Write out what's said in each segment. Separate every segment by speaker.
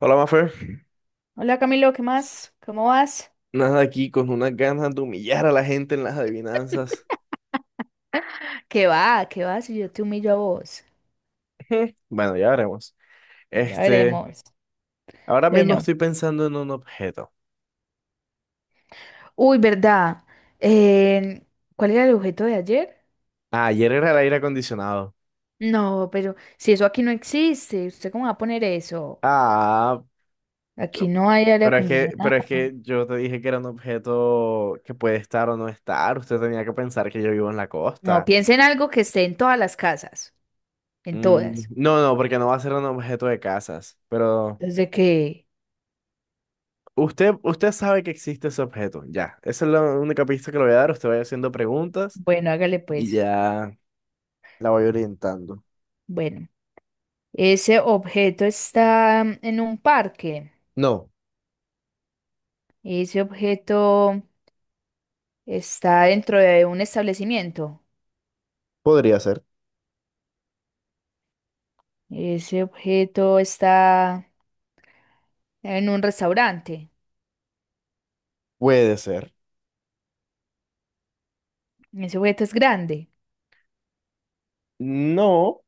Speaker 1: Hola, Mafer.
Speaker 2: Hola Camilo, ¿qué más? ¿Cómo vas?
Speaker 1: Nada aquí con unas ganas de humillar a la gente en las adivinanzas.
Speaker 2: ¿Qué va? ¿Qué vas? Si yo te humillo a vos.
Speaker 1: Bueno, ya veremos.
Speaker 2: Ya
Speaker 1: Este,
Speaker 2: veremos.
Speaker 1: ahora mismo
Speaker 2: Bueno,
Speaker 1: estoy pensando en un objeto.
Speaker 2: uy, ¿verdad? Eh, ¿Cuál era el objeto de ayer?
Speaker 1: Ah, ayer era el aire acondicionado.
Speaker 2: No, pero si eso aquí no existe, ¿usted cómo va a poner eso?
Speaker 1: Ah,
Speaker 2: Aquí
Speaker 1: yo-
Speaker 2: no hay aire acondicionado.
Speaker 1: pero es que yo te dije que era un objeto que puede estar o no estar. Usted tenía que pensar que yo vivo en la
Speaker 2: No,
Speaker 1: costa.
Speaker 2: piense en algo que esté en todas las casas, en
Speaker 1: Mm,
Speaker 2: todas.
Speaker 1: no, no, porque no va a ser un objeto de casas. Pero
Speaker 2: Desde que,
Speaker 1: usted sabe que existe ese objeto. Ya, esa es la única pista que le voy a dar. Usted vaya haciendo preguntas
Speaker 2: bueno, hágale
Speaker 1: y
Speaker 2: pues.
Speaker 1: ya. La voy orientando.
Speaker 2: Bueno, ese objeto está en un parque.
Speaker 1: No,
Speaker 2: Ese objeto Está dentro de un establecimiento.
Speaker 1: podría ser.
Speaker 2: Ese objeto está en un restaurante.
Speaker 1: Puede ser.
Speaker 2: Ese objeto es grande.
Speaker 1: No,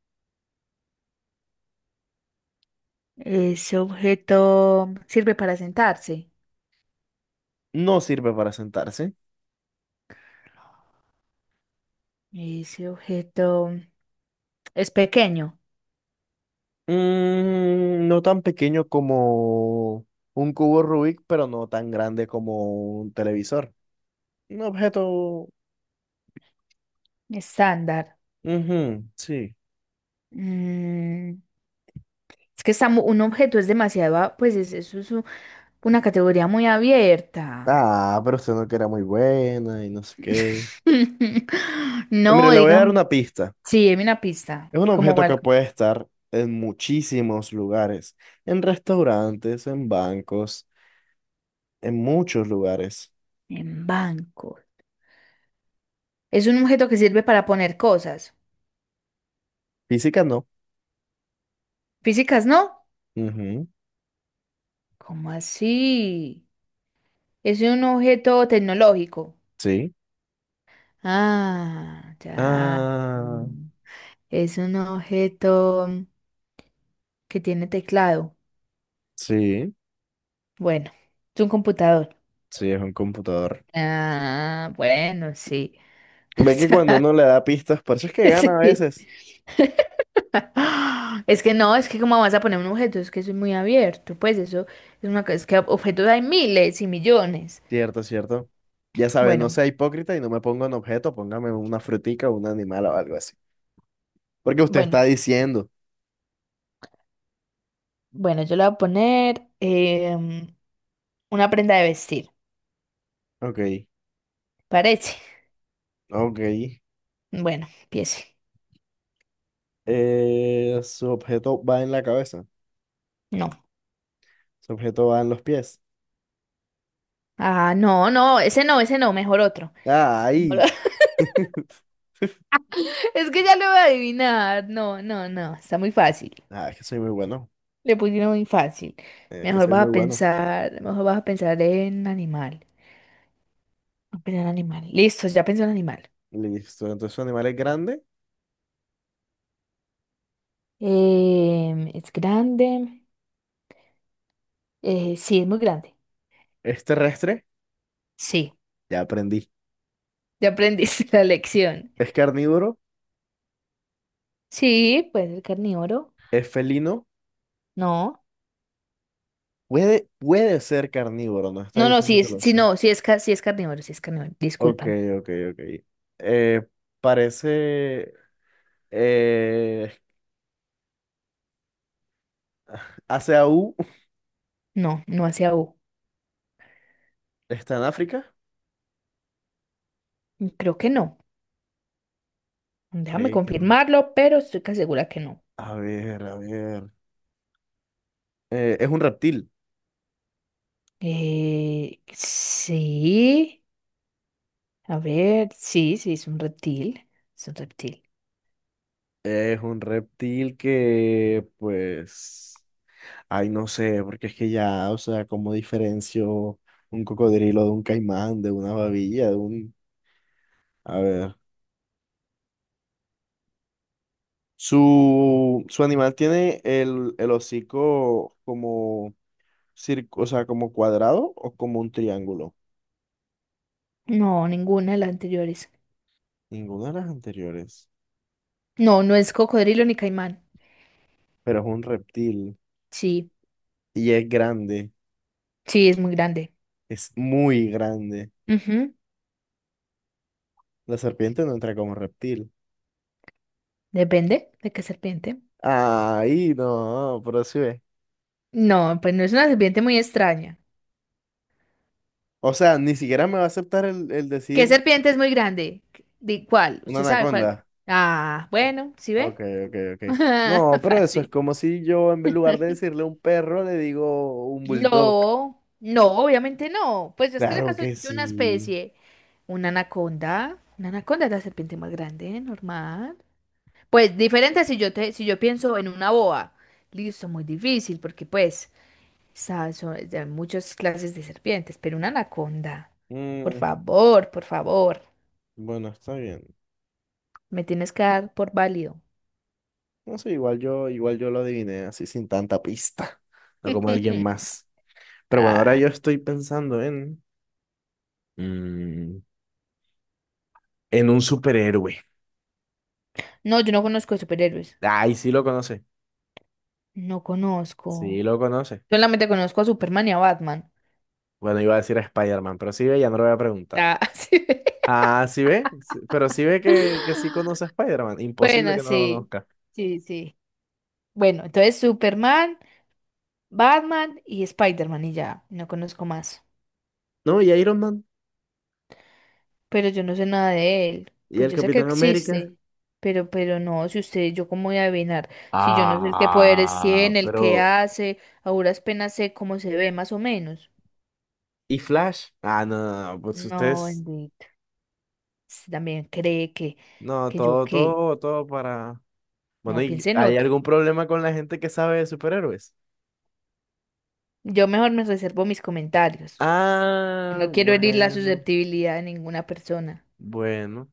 Speaker 2: Ese objeto sirve para sentarse.
Speaker 1: no sirve para sentarse.
Speaker 2: Ese objeto es pequeño,
Speaker 1: Mm, no tan pequeño como un cubo Rubik, pero no tan grande como un televisor. Un objeto.
Speaker 2: estándar.
Speaker 1: Ujú, sí.
Speaker 2: Mm, es que está un objeto es demasiado, pues es, una categoría muy abierta.
Speaker 1: Ah, pero usted no que era muy buena y no sé qué. Pues mire,
Speaker 2: No,
Speaker 1: le voy a dar
Speaker 2: digan,
Speaker 1: una pista.
Speaker 2: sí, deme una pista.
Speaker 1: Es un
Speaker 2: ¿Como
Speaker 1: objeto
Speaker 2: cuál?
Speaker 1: que puede estar en muchísimos lugares. En restaurantes, en bancos, en muchos lugares.
Speaker 2: En banco. Es un objeto que sirve para poner cosas.
Speaker 1: Física no.
Speaker 2: Físicas, ¿no?
Speaker 1: Ujú,
Speaker 2: ¿Cómo así? Es un objeto tecnológico.
Speaker 1: sí.
Speaker 2: Ah, ya.
Speaker 1: Ah,
Speaker 2: Mm. Es un objeto que tiene teclado.
Speaker 1: sí,
Speaker 2: Bueno, es un computador.
Speaker 1: sí, es un computador.
Speaker 2: Ah, bueno, sí.
Speaker 1: Ve que cuando uno le da pistas, por eso es que gana a
Speaker 2: Sí.
Speaker 1: veces.
Speaker 2: Es que no, es que cómo vas a poner un objeto, es que eso es muy abierto, pues eso es una cosa, es que objetos hay miles y millones.
Speaker 1: Cierto, cierto. Ya sabe, no
Speaker 2: Bueno,
Speaker 1: sea hipócrita y no me ponga un objeto, póngame una frutica o un animal o algo así. Porque usted está
Speaker 2: bueno.
Speaker 1: diciendo.
Speaker 2: Bueno, yo le voy a poner una prenda de vestir.
Speaker 1: Ok,
Speaker 2: Parece.
Speaker 1: ok.
Speaker 2: Bueno, empiece.
Speaker 1: Su objeto va en la cabeza,
Speaker 2: No.
Speaker 1: su objeto va en los pies.
Speaker 2: Ah, no, no, ese no, ese no, mejor otro. Mejor o-
Speaker 1: ¡Ay!
Speaker 2: Es que ya lo voy a adivinar. No, no, no, está muy fácil.
Speaker 1: Ah, es que soy muy bueno,
Speaker 2: Le pusieron muy fácil.
Speaker 1: es que
Speaker 2: Mejor
Speaker 1: soy muy
Speaker 2: vas a
Speaker 1: bueno.
Speaker 2: pensar, mejor vas a pensar en animal. Vas a pensar en animal. Listo, ya pensó en animal.
Speaker 1: Listo, entonces su animal es grande,
Speaker 2: Es grande. Sí, es muy grande.
Speaker 1: es terrestre,
Speaker 2: Sí,
Speaker 1: ya aprendí.
Speaker 2: ya aprendiste la lección.
Speaker 1: Es carnívoro,
Speaker 2: Sí, puede ser carnívoro.
Speaker 1: es felino,
Speaker 2: No.
Speaker 1: puede ser carnívoro, no está
Speaker 2: No, no,
Speaker 1: diciendo
Speaker 2: sí,
Speaker 1: que
Speaker 2: es,
Speaker 1: lo
Speaker 2: sí,
Speaker 1: sea.
Speaker 2: no, sí es, sí es carnívoro,
Speaker 1: Ok,
Speaker 2: discúlpame.
Speaker 1: ok, ok. Eh, parece, eh, hace AU,
Speaker 2: No, no hacia U.
Speaker 1: está en África,
Speaker 2: Creo que no. Déjame
Speaker 1: creí que no.
Speaker 2: confirmarlo, pero estoy casi segura que no.
Speaker 1: A ver, a ver. Eh, es un reptil,
Speaker 2: Sí, a ver, sí, sí, es un reptil, es un reptil.
Speaker 1: es un reptil que, pues, ay, no sé, porque es que ya, o sea, ¿cómo diferencio un cocodrilo de un caimán, de una babilla, de un... A ver. Su animal tiene el hocico como, o sea, como cuadrado o como un triángulo.
Speaker 2: No, ninguna de las anteriores.
Speaker 1: Ninguna de las anteriores.
Speaker 2: No, no es cocodrilo ni caimán.
Speaker 1: Pero es un reptil
Speaker 2: Sí,
Speaker 1: y es grande.
Speaker 2: sí, es muy grande.
Speaker 1: Es muy grande.
Speaker 2: Ujú.
Speaker 1: La serpiente no entra como reptil.
Speaker 2: Depende de qué serpiente.
Speaker 1: Ay, no, pero sí ve.
Speaker 2: No, pues no es una serpiente muy extraña.
Speaker 1: O sea, ni siquiera me va a aceptar el
Speaker 2: ¿Qué
Speaker 1: decir
Speaker 2: serpiente es muy grande? ¿De cuál?
Speaker 1: una
Speaker 2: ¿Usted sabe cuál?
Speaker 1: anaconda.
Speaker 2: Ah, bueno, ¿sí
Speaker 1: Ok,
Speaker 2: ve?
Speaker 1: ok, ok. No, pero eso es
Speaker 2: Fácil.
Speaker 1: como si yo en lugar de decirle un perro le digo un bulldog.
Speaker 2: No, no, obviamente no. Pues es que
Speaker 1: Claro
Speaker 2: acaso es
Speaker 1: que
Speaker 2: una
Speaker 1: sí.
Speaker 2: especie, una anaconda es la serpiente más grande, normal. Pues diferente si yo te, si yo pienso en una boa. Listo, muy difícil, porque pues, sabes, hay muchas clases de serpientes, pero una anaconda.
Speaker 1: Mm,
Speaker 2: Por favor,
Speaker 1: bueno, está bien.
Speaker 2: me tienes que dar por válido.
Speaker 1: No sé, igual yo lo adiviné así sin tanta pista, no como alguien más. Pero bueno, ahora
Speaker 2: Ah.
Speaker 1: yo estoy pensando en, mm, en un superhéroe.
Speaker 2: No, yo no conozco de superhéroes.
Speaker 1: Ay, sí lo conoce,
Speaker 2: No
Speaker 1: sí
Speaker 2: conozco.
Speaker 1: lo conoce.
Speaker 2: Solamente conozco a Superman y a Batman.
Speaker 1: Bueno, iba a decir a Spider-Man, pero sí ve, ya no lo voy a preguntar.
Speaker 2: Ah, sí.
Speaker 1: Ah, sí ve, sí, pero sí ve que sí conoce a Spider-Man. Imposible
Speaker 2: Bueno,
Speaker 1: que no lo
Speaker 2: sí.
Speaker 1: conozca.
Speaker 2: Sí, sí. Bueno, entonces Superman, Batman y Spider-Man y ya. No conozco más.
Speaker 1: No, y Iron Man,
Speaker 2: Pero yo no sé nada de él.
Speaker 1: y
Speaker 2: Pues
Speaker 1: el
Speaker 2: yo sé que
Speaker 1: Capitán América.
Speaker 2: existe. Pero no, si usted, yo cómo voy a adivinar. Si yo no sé el qué poderes
Speaker 1: Ah,
Speaker 2: tiene, el qué
Speaker 1: pero...
Speaker 2: hace, a duras penas sé cómo se ve más o menos.
Speaker 1: ¿Y Flash? Ah, no, no, no, pues
Speaker 2: No,
Speaker 1: ustedes
Speaker 2: bendito. Usted también cree
Speaker 1: no,
Speaker 2: que yo
Speaker 1: todo,
Speaker 2: qué.
Speaker 1: todo, todo para... Bueno,
Speaker 2: No,
Speaker 1: ¿y
Speaker 2: piense en
Speaker 1: hay
Speaker 2: otro.
Speaker 1: algún problema con la gente que sabe de superhéroes?
Speaker 2: Yo mejor me reservo mis comentarios.
Speaker 1: Ah,
Speaker 2: No quiero herir la
Speaker 1: bueno,
Speaker 2: susceptibilidad de ninguna persona.
Speaker 1: bueno.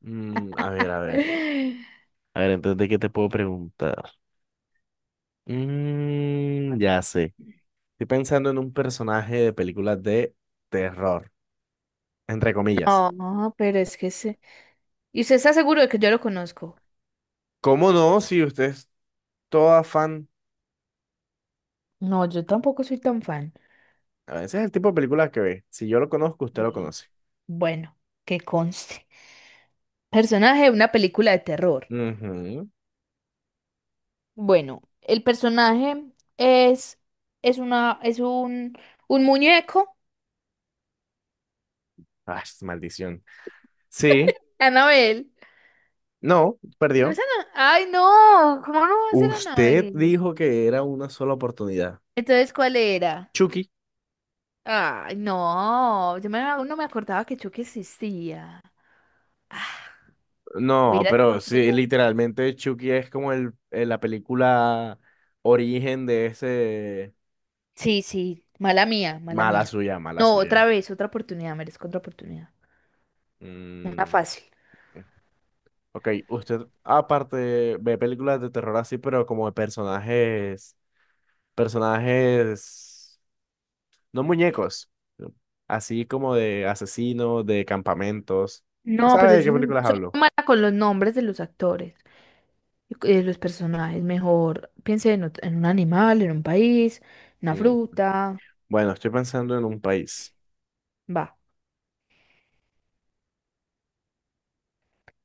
Speaker 1: Mm, a ver, a ver. A ver, entonces, ¿de qué te puedo preguntar? Mm, ya sé. Estoy pensando en un personaje de películas de terror, entre comillas.
Speaker 2: No, pero es que se... ¿Y usted está seguro de que yo lo conozco?
Speaker 1: ¿Cómo no? Si usted es toda fan.
Speaker 2: No, yo tampoco soy tan fan.
Speaker 1: A veces es el tipo de películas que ve. Si yo lo conozco, usted lo
Speaker 2: Y
Speaker 1: conoce.
Speaker 2: bueno, que conste. Personaje de una película de terror.
Speaker 1: Ujú.
Speaker 2: Bueno, el personaje es es un muñeco,
Speaker 1: Ah, maldición. Sí,
Speaker 2: Anabel.
Speaker 1: no,
Speaker 2: No
Speaker 1: perdió.
Speaker 2: es Ana, ay no, ¿cómo no va a ser
Speaker 1: Usted
Speaker 2: Anabel?
Speaker 1: dijo que era una sola oportunidad.
Speaker 2: Entonces, ¿cuál era?
Speaker 1: Chucky.
Speaker 2: Ay, no, no me acordaba que Chucky existía. Ah,
Speaker 1: No,
Speaker 2: hubiera hecho
Speaker 1: pero
Speaker 2: más
Speaker 1: sí,
Speaker 2: preguntas.
Speaker 1: literalmente Chucky es como el, la película origen de ese...
Speaker 2: Sí, sí, mala mía, mala
Speaker 1: Mala
Speaker 2: mía.
Speaker 1: suya, mala
Speaker 2: No,
Speaker 1: suya.
Speaker 2: otra vez, otra oportunidad, merezco otra oportunidad. Una
Speaker 1: Mm,
Speaker 2: fácil.
Speaker 1: ok, usted aparte ve películas de terror así, pero como de personajes, personajes, no muñecos, así como de asesinos, de campamentos.
Speaker 2: No,
Speaker 1: ¿Sabe
Speaker 2: pero yo
Speaker 1: de qué
Speaker 2: soy,
Speaker 1: películas
Speaker 2: soy
Speaker 1: hablo?
Speaker 2: muy mala con los nombres de los actores, y de los personajes. Mejor piense en un animal, en un país, una
Speaker 1: Mm,
Speaker 2: fruta.
Speaker 1: bueno, estoy pensando en un país.
Speaker 2: Va.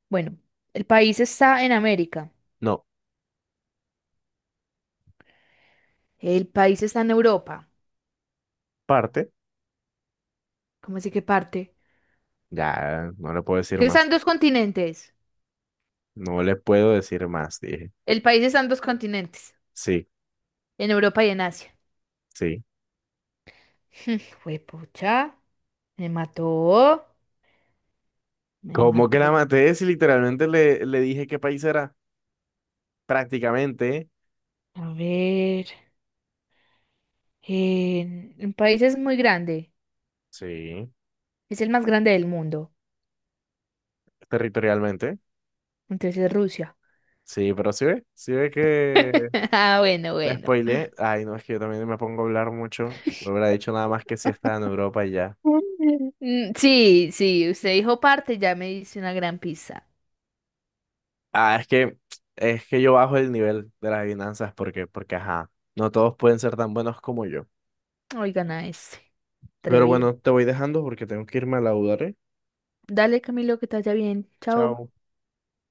Speaker 2: Bueno, el país está en América.
Speaker 1: No,
Speaker 2: El país está en Europa.
Speaker 1: parte,
Speaker 2: ¿Cómo así que parte?
Speaker 1: ya no le puedo decir
Speaker 2: Que
Speaker 1: más.
Speaker 2: están dos continentes.
Speaker 1: No le puedo decir más, dije.
Speaker 2: El país está en dos continentes,
Speaker 1: Sí,
Speaker 2: en Europa y en Asia.
Speaker 1: sí.
Speaker 2: pucha, me mató, me
Speaker 1: ¿Cómo que la
Speaker 2: mató.
Speaker 1: maté? Si literalmente le, le dije qué país era. Prácticamente.
Speaker 2: A ver, el país es muy grande,
Speaker 1: Sí.
Speaker 2: es el más grande del mundo,
Speaker 1: Territorialmente.
Speaker 2: entonces es Rusia.
Speaker 1: Sí, pero sí ve que
Speaker 2: Ah, bueno,
Speaker 1: la
Speaker 2: bueno.
Speaker 1: spoileé. Ay, no, es que yo también me pongo a hablar mucho. No hubiera dicho nada más que si estaba en Europa y ya.
Speaker 2: Mm, sí, sí, usted dijo parte, ya me hice una gran pizza.
Speaker 1: Ah, es que yo bajo el nivel de las adivinanzas porque, porque, ajá, no todos pueden ser tan buenos como yo.
Speaker 2: Oigan a ese,
Speaker 1: Pero
Speaker 2: atrevido.
Speaker 1: bueno, te voy dejando porque tengo que irme a laudar, ¿eh?
Speaker 2: Dale, Camilo, que te vaya bien. Chao.
Speaker 1: Chao.